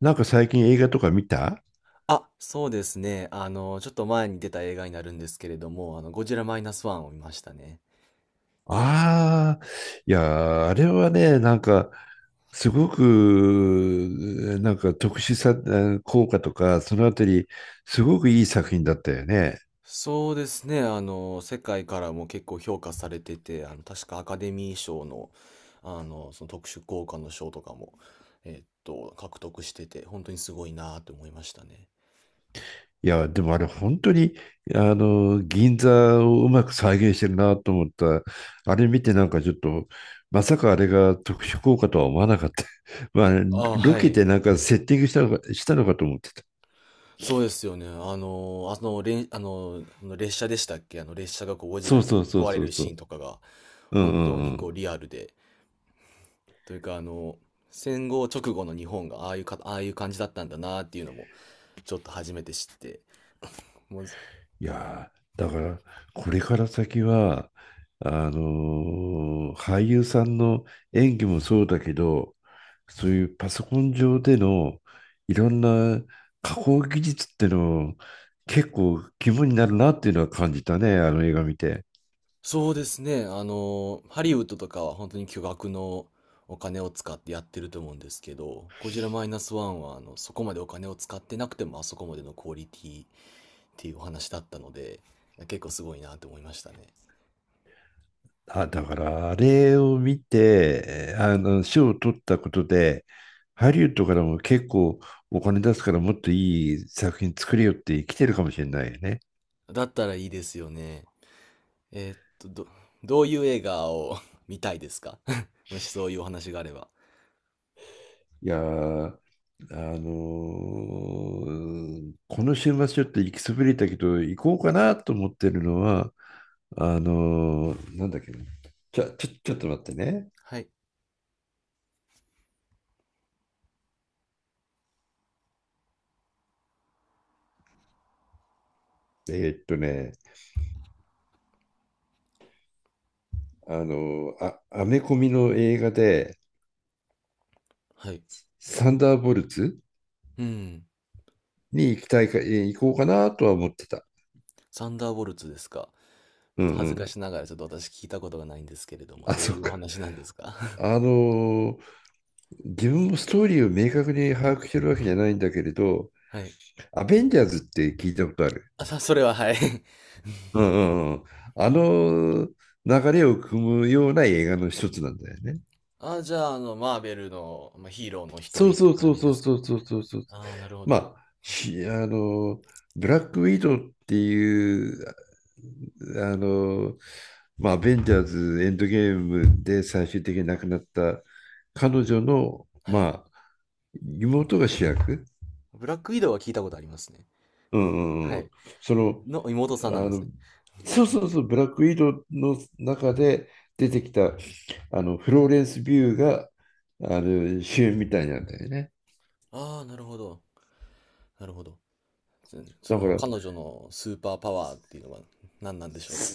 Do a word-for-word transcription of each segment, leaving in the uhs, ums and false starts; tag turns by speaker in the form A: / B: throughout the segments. A: なんか最近映画とか見た？
B: あ、そうですね。あの、ちょっと前に出た映画になるんですけれども、あの、ゴジラマイナスワンを見ましたね。
A: ああ。いやー、あれはね、なんか、すごく、なんか特殊さ、えー効果とか、そのあたり、すごくいい作品だったよね。
B: そうですね。あの、世界からも結構評価されてて、あの、確かアカデミー賞の、あの、その特殊効果の賞とかも、えっと、獲得してて、本当にすごいなと思いましたね。
A: いや、でもあれ、本当に、あの、銀座をうまく再現してるなと思った。あれ見て、なんかちょっと、まさかあれが特殊効果とは思わなかった。まあ、
B: あ、
A: ロ
B: は
A: ケ
B: い。
A: でなんかセッティングしたのか、したのかと思ってた。
B: そうですよね。あの、あの、れん、あの、あの列車でしたっけ、あの、列車がこう、ゴジ
A: そ
B: ラ
A: う
B: に
A: そうそう
B: 壊れ
A: そう
B: る
A: そ
B: シーン
A: う。
B: とかが、
A: うん
B: 本
A: う
B: 当に
A: んう
B: こ
A: ん。
B: う、リアルで、というか、あの、戦後直後の日本がああいうか、ああいう感じだったんだなっていうのも、ちょっと初めて知って。もう、
A: いやー、だから、これから先は、あのー俳優さんの演技もそうだけど、そういうパソコン上でのいろんな加工技術っての結構肝になるなっていうのは感じたね、あの映画見て。
B: そうですね、あの、ハリウッドとかは本当に巨額のお金を使ってやってると思うんですけど、ゴジラマイナスワンは、あの、そこまでお金を使ってなくてもあそこまでのクオリティっていうお話だったので、結構すごいなと思いましたね。
A: あ、だからあれを見て、あの、賞を取ったことで、ハリウッドからも結構お金出すからもっといい作品作れよって来てるかもしれないよね。
B: だったらいいですよね。えーっと、ど、どういう映画を 見たいですか？ もしそういうお話があれば。
A: いやー、あのーこの週末ちょっと行きそびれたけど、行こうかなと思ってるのは、あのーなんだっけな。ちょ、ちょ、ちょっと待ってね。
B: はい。
A: えーっとね、あのーあ、アメコミの映画で、
B: はい。
A: サンダーボルツ
B: うん。
A: に行きたいか、えー行こうかなとは思ってた。
B: サンダーボルツですか。ち
A: う
B: ょっ
A: んう
B: と恥ずか
A: ん。
B: しながらちょっと私聞いたことがないんですけれども、
A: あ、
B: どう
A: そ
B: い
A: っ
B: うお
A: か。
B: 話なんですか？
A: あのー自分もストーリーを明確に把握してるわけじゃないんだけれど、
B: はい。
A: アベンジャーズって聞いたことある？
B: あ、さ、それははい。
A: うんうんうん。あの流れを組むような映画の一つなんだよね。
B: あ、じゃあ、あの、マーベルの、まあ、ヒーローの一
A: そう
B: 人って
A: そう
B: 感
A: そう
B: じ
A: そ
B: で
A: う
B: す
A: そ
B: かね。
A: うそうそうそう。
B: ああ、なるほ
A: ま
B: ど。
A: あ、しあの、ブラックウィドウっていう、あの、まあ、アベンジャーズエンドゲームで最終的に亡くなった彼女の、
B: はい。
A: まあ、妹が主役。
B: ブラックウィドウは聞いたことありますね。
A: うんうん
B: は
A: うん。
B: い。
A: その、
B: の妹さんなん
A: あ
B: です
A: の、
B: ね。
A: そうそうそう、ブラックウィドウの中で出てきた、あの、フローレンス・ビューが、あの、主演みたいなんだよね。
B: ああ、なるほど。なるほど。そそ
A: だか
B: の
A: ら、
B: 彼女のスーパーパワーっていうのは何なんでしょうか。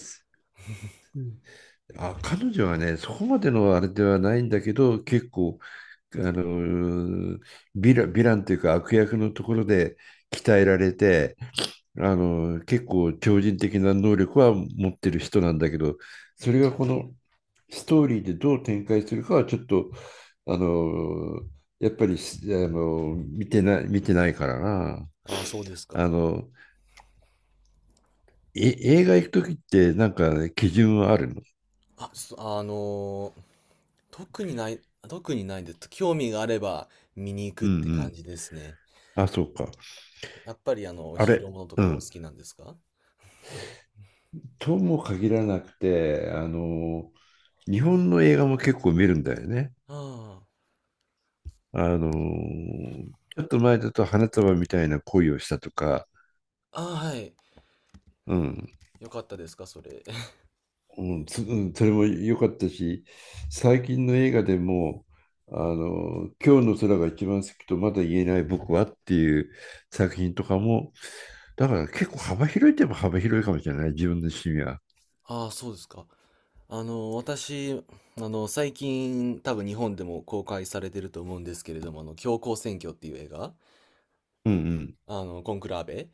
A: うんあ、彼女はね、そこまでのあれではないんだけど、結構、あの、ヴィラ、ヴィランというか悪役のところで鍛えられて、あの、結構超人的な能力は持ってる人なんだけど、それがこのストーリーでどう展開するかはちょっと、あの、やっぱりすあの、見てない、見てないからな。
B: ああ、そうですか。
A: あの、え、映画行くときってなんかね基準はあるの？
B: あ、そあのー特にない、特にないです。興味があれば見に行く
A: う
B: っ
A: んう
B: て感
A: ん。
B: じですね。
A: あ、そうか。
B: やっぱりあの、
A: あ
B: ヒーロ
A: れ、
B: ーものとか
A: う
B: がお好
A: ん。
B: きなんですか？
A: とも限らなくて、あの、日本の映画も結構見るんだよね。
B: あ
A: あの、ちょっと前だと花束みたいな恋をしたとか、
B: あ、ああ、はい。
A: うん、
B: よかったですか、それ。
A: うん、そうんそれも良かったし、最近の映画でも、あの、今日の空が一番好きとまだ言えない僕はっていう作品とかも、だから結構幅広いといえば幅広いかもしれない、自分の趣味は。
B: ああ、そうですか。あの、私、あの、最近、多分日本でも公開されてると思うんですけれども、あの、教皇選挙っていう映画、
A: うんうん。
B: あの、コンクラーベ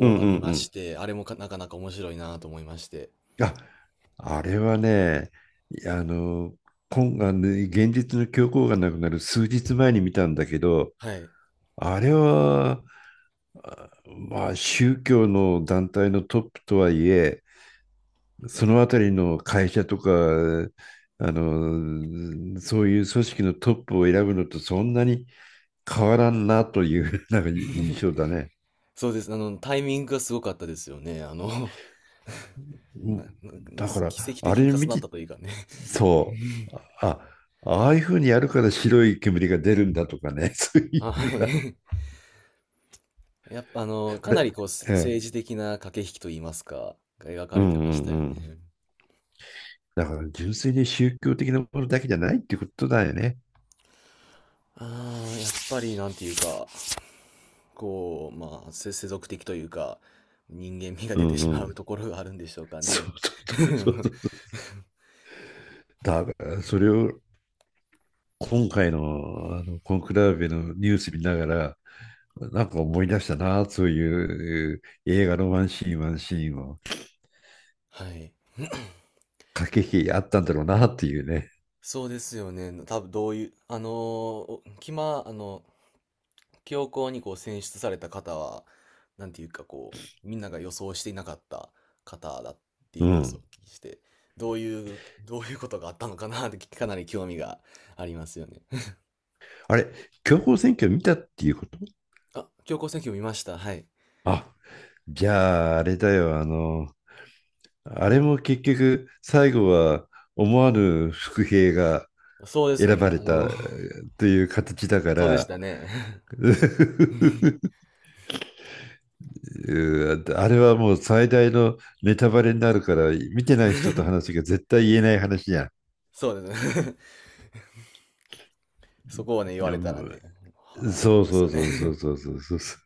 A: うんう
B: あ
A: ん
B: り
A: う
B: まし
A: ん。
B: て、あれもかなかなか面白いなと思いまして。
A: あ、あれはね、あの、今あの現実の教皇がなくなる数日前に見たんだけど、
B: はい。
A: あれは、まあ、宗教の団体のトップとはいえ、そのあたりの会社とか、あの、そういう組織のトップを選ぶのとそんなに変わらんなという なんか印象だね。
B: そうです。あの、タイミングがすごかったですよね。あの、
A: う
B: な
A: ん。
B: なな
A: だか
B: 奇
A: ら、
B: 跡
A: あ
B: 的に
A: れ
B: 重
A: 見
B: なっ
A: て、
B: たというかね。
A: そう、あ、ああいうふうにやるから白い煙が出るんだとかね、そう い
B: あ、
A: う
B: は
A: のが、
B: い。やっぱあの、
A: あ
B: かなり
A: れ、
B: こう、
A: ええ、
B: 政治的な駆け引きといいますか、が描か
A: うん
B: れ
A: う
B: て
A: ん
B: ま
A: う
B: したよね。
A: ん。だから純粋に宗教的なものだけじゃないってことだよね。
B: ああ、やっぱりなんていうか、こう、まあ、せ世俗的というか、人間味が
A: う
B: 出て
A: ん
B: し
A: う
B: まう
A: ん。
B: ところがあるんでしょうか
A: そう
B: ね。
A: そ
B: あ
A: うそう
B: の、
A: そう。だから、それを今回の、あのコンクラーベのニュース見ながら、なんか思い出したな、そういう映画のワンシーン、ワンシーンを
B: はい。
A: 駆け引きあったんだろうなっていうね。
B: そうですよね。多分どういう、あの、おキマ、あの、教皇にこう選出された方は、なんていうかこう、みんなが予想していなかった方だってい
A: う
B: うニュースをお
A: ん。
B: 聞きして、どういう、どういうことがあったのかなってかなり興味がありますよね。
A: あれ、強行選挙見たっていうこと？
B: あ、教皇選挙見ました。はい。
A: あ、じゃああれだよ、あの、あれも結局最後は思わぬ伏兵が
B: そうですよ
A: 選ば
B: ね。
A: れ
B: あ
A: たえ
B: の、
A: ーという形だか
B: そうでし
A: ら、
B: たね。
A: うーあれはもう最大のネタバレになるから、見てない人と話が絶対言えない話じゃん。
B: そうですね。そこをね、言われたらね、
A: うん。
B: はあ、あ
A: そ
B: り
A: う
B: ま
A: そ
B: すよ
A: う
B: ね。
A: そうそう そうそうそうそう。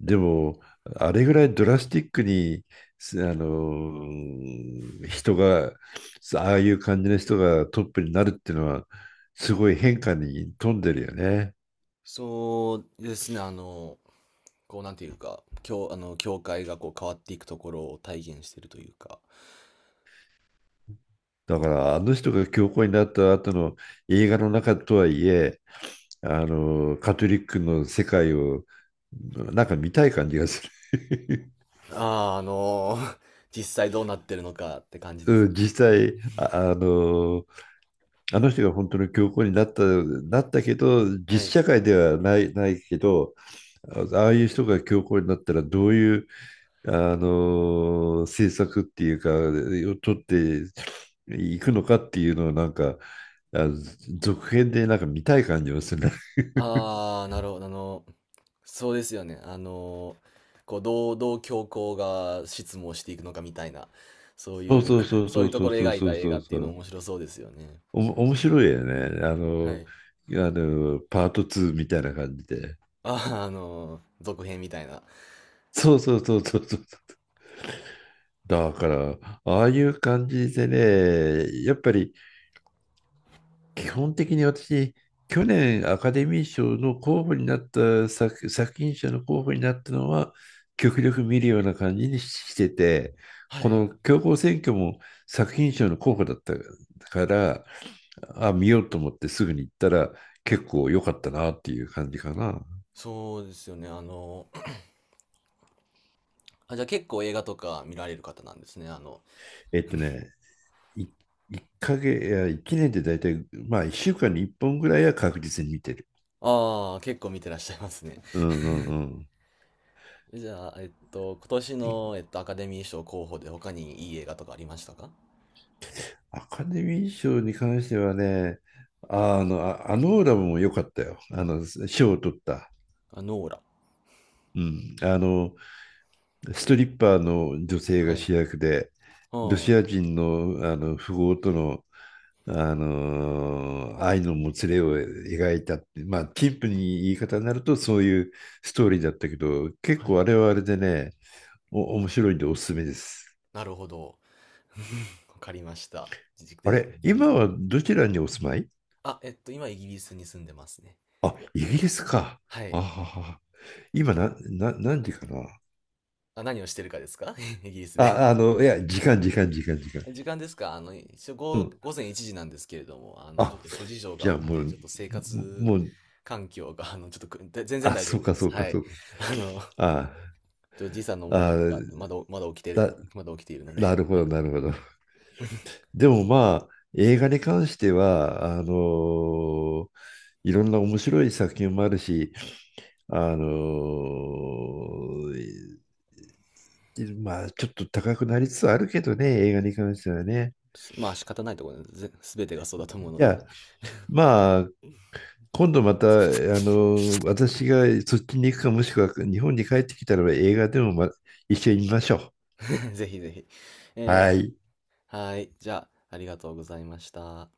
A: でも、あれぐらいドラスティックに、すあの人が、ああいう感じの人がトップになるっていうのは、すごい変化に富んでるよね。
B: そうですね、あの、こうなんていうか、教、あの、教会がこう変わっていくところを体現しているというか、
A: だからあの人が教皇になった後の映画の中とはいえ、あのカトリックの世界をなんか見たい感じがする。
B: ああ、あの、実際どうなってるのかって感じ です。
A: うん。実際あ、あのあの人が本当の教皇になった、なったけど
B: は
A: 実
B: い。
A: 社会ではない、ないけどあああいう人が教皇になったらどういうあの政策っていうか、を取っていくのかっていうのをなんか、あ続編でなんか見たい感じもするね。
B: ああ、なるほど。あの、そうですよね。あの、こう、どう、どう教皇が執務をしていくのかみたいな、そう
A: そう
B: いう、
A: そうそ う
B: そう
A: そ
B: いう
A: う
B: と
A: そ
B: こ
A: う
B: ろを
A: そう
B: 描い
A: そ
B: た
A: う
B: 映
A: そ
B: 画
A: う
B: ってい
A: そ
B: うの
A: う。
B: 面白そうですよね。
A: おも、面白いよね。あ
B: は
A: の、
B: い。
A: あの、パートパートツーみたいな感じで。
B: ああ、あの、続編みたいな。
A: そうそうそうそうそう。だから、ああいう感じでね、やっぱり基本的に私、去年アカデミー賞の候補になった作、作品賞の候補になったのは、極力見るような感じにしてて、
B: は
A: こ
B: い。
A: の強行選挙も作品賞の候補だったから、あ、見ようと思ってすぐに行ったら、結構良かったなっていう感じかな。
B: そうですよね。あの、あ、じゃあ結構映画とか見られる方なんですね。あの、
A: えっとね、いいっかげつ、いや、いちねんで大体、まあいっしゅうかんにいっぽんぐらいは確実に見てる。
B: ああ、結構見てらっしゃいますね。
A: うんうんうん。
B: じゃあ、えっと、今年の、えっと、アカデミー賞候補で他にいい映画とかありましたか？
A: アカデミー賞に関してはね、あの、あ、あのオーラムも良かったよ。あの、賞を取った。
B: あ、ノーラ。
A: うん。あの、ストリッパーの女性
B: は
A: が
B: い。う
A: 主役で、ロ
B: ん。
A: シ
B: は
A: ア人の、あの富豪との、あの愛のもつれを描いたって、まあ、陳腐に言い方になるとそういうストーリーだったけど、結構あれ
B: い。
A: はあれでね、お、面白いんでおすすめです。
B: なるほど。わかりました。ぜ、
A: あ
B: ぜ
A: れ、
B: ぜひ。
A: 今はどちらにお住まい？
B: あ、えっと、今イギリスに住んでますね。
A: あ、イギリスか。
B: は
A: あ
B: い。
A: はは。今な、な、何時かな
B: あ、何をしてるかですか？ イギリスで。
A: あ？あの、いや、時間、時間、時間、時間。
B: 時間ですか？あの、一応
A: う
B: 午、
A: ん。
B: 午前いちじなんですけれども、あの、ちょ
A: あ、
B: っと諸事情
A: じ
B: があ
A: ゃ
B: っ
A: あも
B: て、ち
A: う、
B: ょっと生活
A: もう、
B: 環境が、あの、ちょっとく、で全然
A: あ、
B: 大丈
A: そう
B: 夫で
A: か、
B: す。
A: そうか、
B: はい。
A: そうか。
B: あの、
A: あ
B: と時差の問題と
A: あ、
B: か、まだ、まだ起きて、
A: だ、
B: まだ起きているので、
A: なるほ
B: は
A: ど、
B: い。
A: なるほど。でもまあ、映画に関しては、あのーいろんな面白い作品もあるし、あのーまあ、ちょっと高くなりつつあるけどね、映画に関してはね。
B: まあ仕方ないところで、す全てがそうだと思うの
A: じ
B: で、
A: ゃあ、まあ、今度また、あの、私がそっちに行くか、もしくは日本に帰ってきたらば映画でも、ま、一緒に見ましょ
B: ぜひぜひ。
A: う。
B: え
A: はい。
B: ー、はい。じゃあ、ありがとうございました。